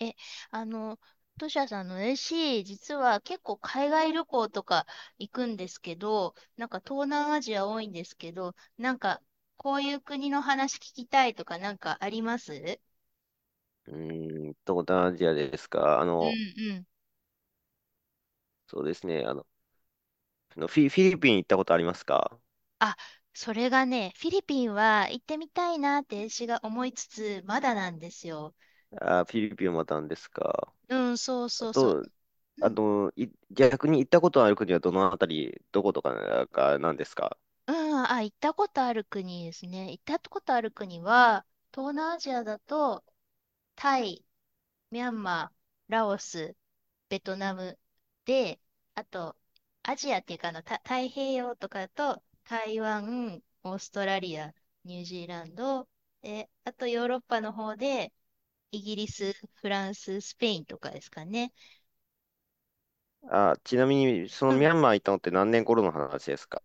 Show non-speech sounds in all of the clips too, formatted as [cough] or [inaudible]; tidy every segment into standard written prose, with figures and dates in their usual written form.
え、あの、トシヤさんの AC、実は結構海外旅行とか行くんですけど、なんか東南アジア多いんですけど、なんかこういう国の話聞きたいとかなんかありますう東南アジアですか。んうん。そうですね。フィリピン行ったことありますか？あ、それがね、フィリピンは行ってみたいなって私が思いつつ、まだなんですよ。あフィリピンもまたんですか。うん、そうあそうそと、う。逆に行ったことある国はどのあたり、どことかがなんですか？うん、あ、行ったことある国ですね。行ったことある国は、東南アジアだと、タイ、ミャンマー、ラオス、ベトナムで、あと、アジアっていうかあの、太平洋とかだと、台湾、オーストラリア、ニュージーランド、で、あとヨーロッパの方で、イギリス、フランス、スペインとかですかね。あちなみに、そのうミん、ャンマー行ったのって何年頃の話ですか？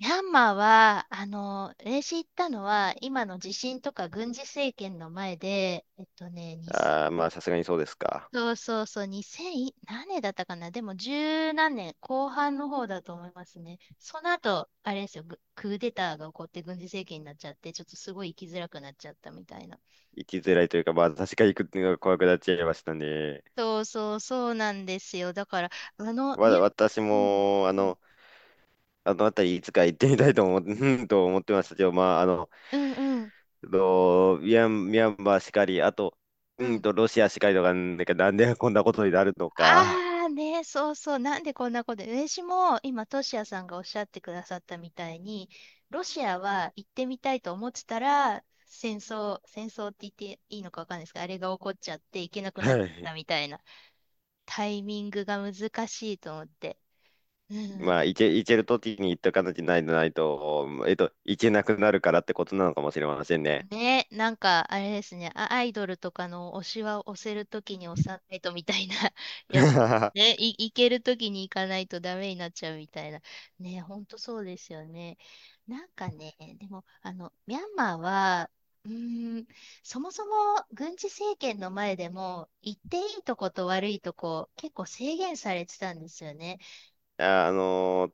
ミャンマーは、あの、私行ったのは、今の地震とか軍事政権の前で、えっとね、にせあー、んまあ、さすがにそうですか。そうそうそう、二千、何年だったかな、でも十何年、後半の方だと思いますね。その後、あれですよ、クーデターが起こって軍事政権になっちゃって、ちょっとすごい生きづらくなっちゃったみたいな。行きづらいというか、まあ、確かに行くっていうのが怖くなっちゃいましたね。そうそうそうなんですよ。だから、あの、私うん、も、あのあたりいつか行ってみたい[laughs] と思ってましたけど、まあ、あの、うん、うん、と、ミャン、ミャンマーしかり、あと、うん。ロシアしかりとか、なんか、なんでこんなことになるのか。ああね、そうそう、なんでこんなこと、私も今、トシヤさんがおっしゃってくださったみたいに、ロシアは行ってみたいと思ってたら、戦争って言っていいのかわかんないですけど、あれが起こっちゃって行けなくなっはい。たみたいな、タイミングが難しいと思って。う [laughs] んまあ、行ける時に行っとかなきゃないとないと、えっと、行けなくなるからってことなのかもしれませんね。ね、なんかあれですね、アイドルとかの推しは押せるときに押さないとみたいな [laughs] やつ、[laughs] ね、行けるときに行かないとダメになっちゃうみたいな。ね、ほんとそうですよね。なんかね、でも、あの、ミャンマーは、うーん、そもそも軍事政権の前でも、行っていいとこと悪いとこ、結構制限されてたんですよね。ああ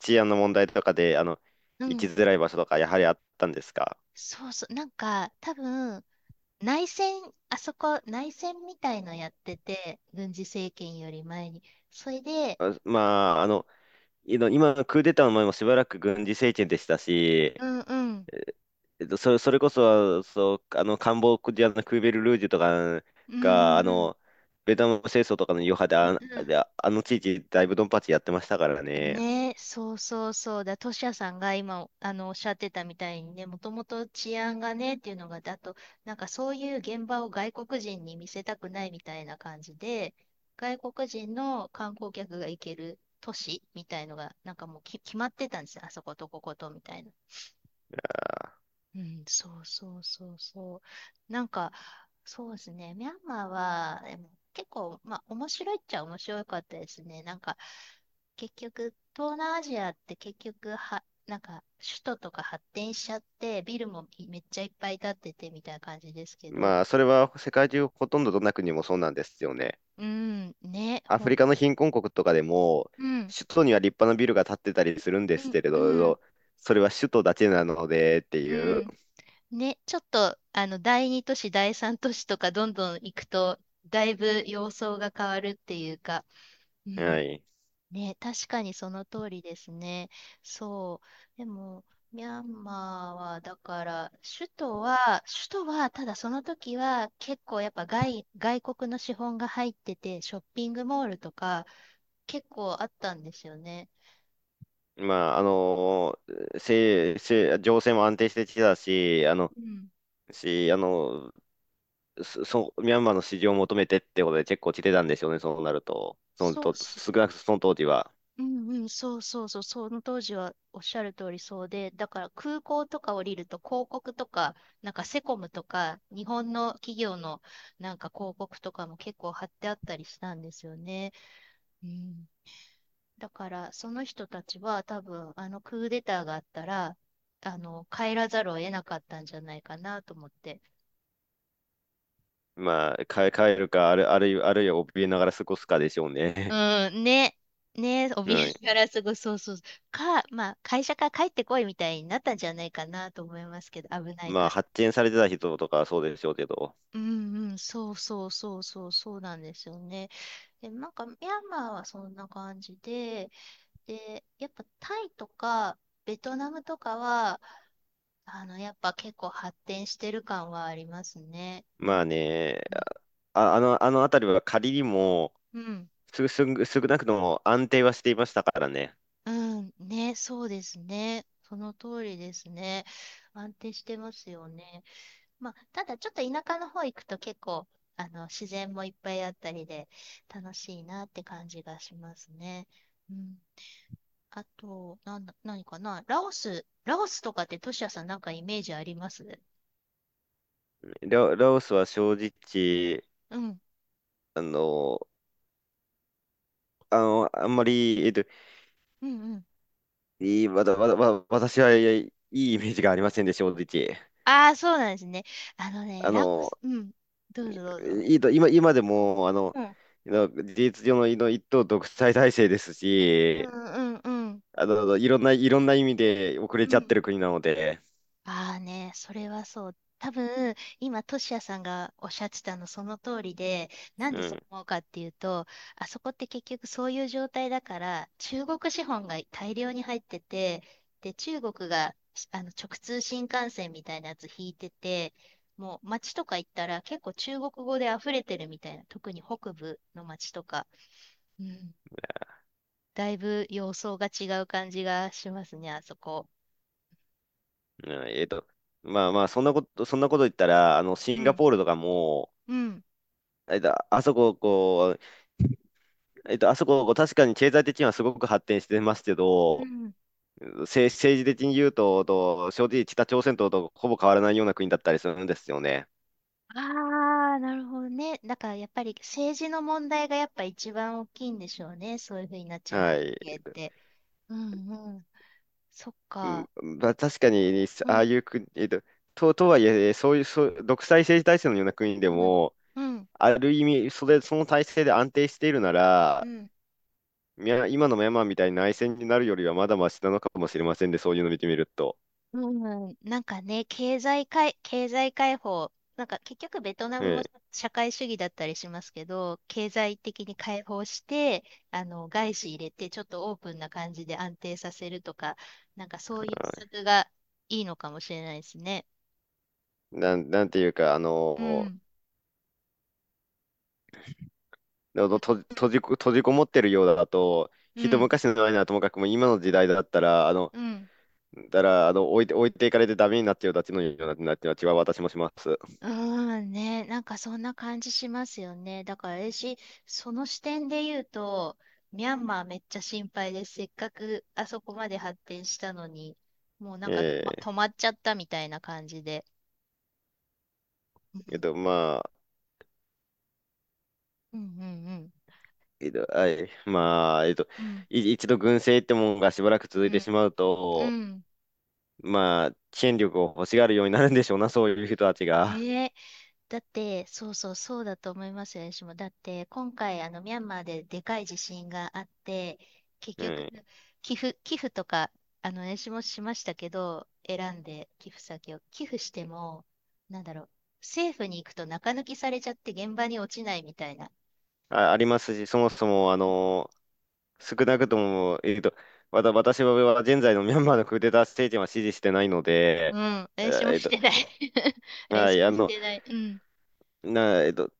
治安の問題とかで、う行きん。づらい場所とか、やはりあったんですか？そうそう。なんか、多分、内戦、あそこ内戦みたいのやってて、軍事政権より前に。それで、あまあ、今、クーデターの前もしばらく軍事政権でしたし、うんうん、えっと、それこそ、そう、カンボジアのクーベルルージュとかうんうが、んうん。ベトナム戦争とかの余波で、うんうんあの地域、だいぶドンパチやってましたからね。ね、そうそうそうだ、トシヤさんが今あのおっしゃってたみたいにね、もともと治安がねっていうのが、だと、なんかそういう現場を外国人に見せたくないみたいな感じで、外国人の観光客が行ける都市みたいのが、なんかもう決まってたんですよ、あそことこことみたいな。うん、そうそうそうそう。なんか、そうですね。ミャンマーは、でも結構、まあ、面白いっちゃ面白かったですね。なんか、結局、東南アジアって結局は、なんか、首都とか発展しちゃって、ビルもめっちゃいっぱい建っててみたいな感じですけど、まあ、それは世界中ほとんどどんな国もそうなんですよね。うん、ね、アほフん、リカの貧困国とかでも、うん、首都には立派なビルが建ってたりするんでうすん、けれうん、ど、それは首都だけなのでってういう。ん。ね、ちょっと、あの、第二都市、第三都市とかどんどん行くと、だいぶ様相が変わるっていうか、うはんい。ね、確かにその通りですね。そう。でも、ミャンマーは、だから、首都は、ただその時は、結構やっぱ外国の資本が入ってて、ショッピングモールとか、結構あったんですよね。まあ、あの、せ、せ、情勢も安定してきたし、うん。し、あの、そう、ミャンマーの支持を求めてってことで結構来てたんでしょうね、そうなると。そのそうと、少なくともその当時は。うんうん、そうそうそう、その当時はおっしゃる通りそうで、だから空港とか降りると広告とか、なんかセコムとか、日本の企業のなんか広告とかも結構貼ってあったりしたんですよね。うん、だからその人たちは多分あのクーデターがあったら、あの帰らざるを得なかったんじゃないかなと思って。まあ、帰るか、ある、あるいは、あるいは怯えながら過ごすかでしょうね。うん、ね。ね、[laughs] 怯はい。えながらすぐ、そうそう。か、まあ、会社から帰ってこいみたいになったんじゃないかなと思いますけど、危ないまかあ、ら。発見されてた人とかはそうでしょうけど。うんうん、そうそうそうそうそうなんですよね。で、なんかミャンマーはそんな感じで、で、やっぱタイとかベトナムとかは、あの、やっぱ結構発展してる感はありますね。まあもね、う、うん、あの辺りは仮にも、うん、少なくとも安定はしていましたからね。うんね、そうですね。その通りですね。安定してますよね。まあ、ただちょっと田舎の方行くと結構、あの、自然もいっぱいあったりで楽しいなって感じがしますね。うん、あと、なんだ、何かなラオス、ラオスとかってトシヤさんなんかイメージありますラオスは正直、うん、あの、あんまり、えっと、うん、うん。いい、わたわたわ私はいいイメージがありませんで、正直。ああ、そうなんですね。あのね、あラオの、ス、うん。どうぞどうぞ。いいと、今、今でも、うん、事実上の、の一党独裁体制ですうし、ん、うん、うん。あの、いろんな意味で遅れうちゃってんる国なので、ああね、それはそう。多分、今、トシヤさんがおっしゃってたのその通りで、なんうでそうん、思うかっていうと、あそこって結局そういう状態だから、中国資本が大量に入ってて、で、中国があの直通新幹線みたいなやつ引いてて、もう街とか行ったら結構中国語で溢れてるみたいな、特に北部の街とか、うん、だいぶ様相が違う感じがしますね、あそこ。うんえっと、まあまあ、そんなこと言ったら、あの、シうンガん、ポールとかも、うん、えっと、あそこ、こう、えっと、あそこ、こう確かに経済的にはすごく発展してますけうど、ん。政治的に言うと、正直北朝鮮とほぼ変わらないような国だったりするんですよね。ああ、なるほどね。だからやっぱり政治の問題がやっぱ一番大きいんでしょうね。そういうふうになっちゃう背は景い。って。うんうん。そっうん。か。まあ、確かに、うああんいう国、とはいえ、そういう、そう、独裁政治体制のような国でうんも、うんある意味、その体制で安定しているなうら、ん。ミャン今のミャンマーみたいに内戦になるよりはまだマシなのかもしれませんで、そういうのを見てみると。うん、なんかね、経済解放、なんか結局ベトナうムもん。社会主義だったりしますけど、経済的に解放して、あの、外資入れて、ちょっとオープンな感じで安定させるとか、なんかそういう施策がいいのかもしれないですね。なんていうか、あうの、ん。ののと閉じこ、閉じこもってるようだと、う一ん、昔の前ならともかくも今の時代だったら、あの、うん。だから、あの、置いて、置いていかれてダメになっちゃうたちのような、なっては私もします。うーんね、なんかそんな感じしますよね。だから私、その視点で言うと、ミャンマーめっちゃ心配です。せっかくあそこまで発展したのに、もうなんか、ま、え止まっちゃったみたいな感じで。うええっん、と、まあ、うん、うん、[laughs] はい。まあ、うん、一度軍政ってもんがしばらく続いうてん、しまううん。と、うんまあ、権力を欲しがうんるようになるんでしょうな、そういう人たちが。ね、だって、そうそう、そうだと思いますよ、私も。だって、今回、あの、ミャンマーででかい地震があって、結 [laughs] う局、ん。寄付とか、あの、私もしましたけど、選んで寄付先を。寄付しても、なんだろう、政府に行くと中抜きされちゃって現場に落ちないみたいな。ありますし、そもそも、少なくとも、私は現在のミャンマーのクーデター政権は支持してないのうで、ん、私もえっしと、てない。[laughs] は私い、あもしの、てない。うん。な、えっと、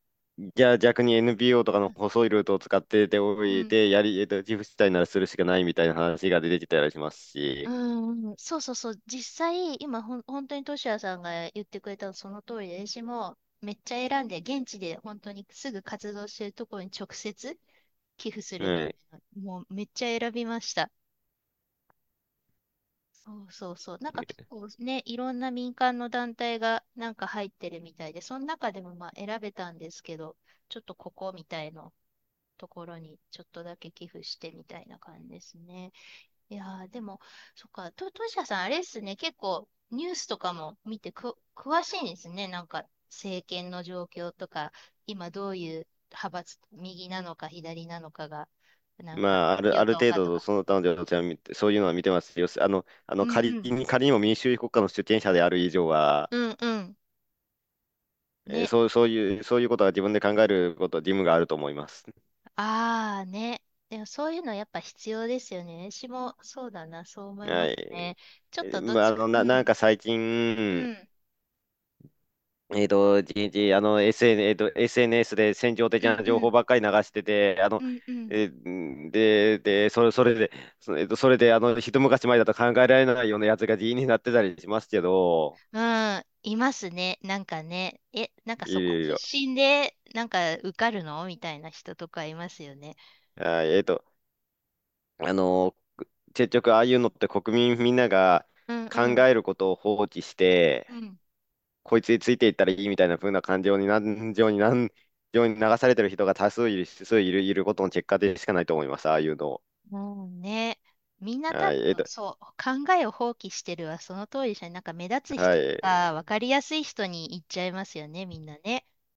じゃあ逆に NPO とかの細いルートを使ってうていん。て、やり、えっと、自負したいならするしかないみたいな話が出てきたりしますうし、んうん、そうそうそう、実際、今、本当にトシヤさんが言ってくれたのその通りで、私もめっちゃ選んで、現地で本当にすぐ活動してるところに直接寄付すうるみん。たいな、もうめっちゃ選びました。そうそうそう、なんか結構ね、いろんな民間の団体がなんか入ってるみたいで、その中でもまあ選べたんですけど、ちょっとここみたいなところにちょっとだけ寄付してみたいな感じですね。いやー、でも、そっか、と、としやさん、あれっすね、結構、ニュースとかも見てく、詳しいんですね。なんか、政権の状況とか、今どういう派閥、右なのか左なのかが、なんか、まあ、あ与る党程かと度、か。その他の領地は見て、そういうのは見てます。よし、うんうん。仮にも民主主義国家の主権者である以上は、うんうん。えーね。そう、そういう、そういうことは自分で考えること、義務があると思います。ああ、ね。でも、そういうのやっぱ必要ですよね。私も、そうだな、そう思いはまい。すね。ちょっえーとどっまあ、ちか、うなんん、か最近、うん、えっと、じじあの、SN、えーと、SNS で戦場的うん、な情う報ん、ばっかり流してて、あの、うん、うん。えーで、で、それ、それで、そえーと、それで、あの、一昔前だと考えられないようなやつが議員になってたりしますけど、うん、いますね。なんかね、え、なんかいそこるい出る。身で、なんか受かるのみたいな人とかいますよね。はいえっと、あの、結局ああいうのって国民みんながうんう考ん。えることを放棄して、うん。こいつについていったらいいみたいな風な[laughs] 感情に流されてる人が多数いる、数いる、いることの結果でしかないと思います、ああいうの。もうね、みんな多分、そう、考えを放棄してるはその通りじゃん。なんか目立つ人とか、わかりやすい人に行っちゃいますよね、みんなね。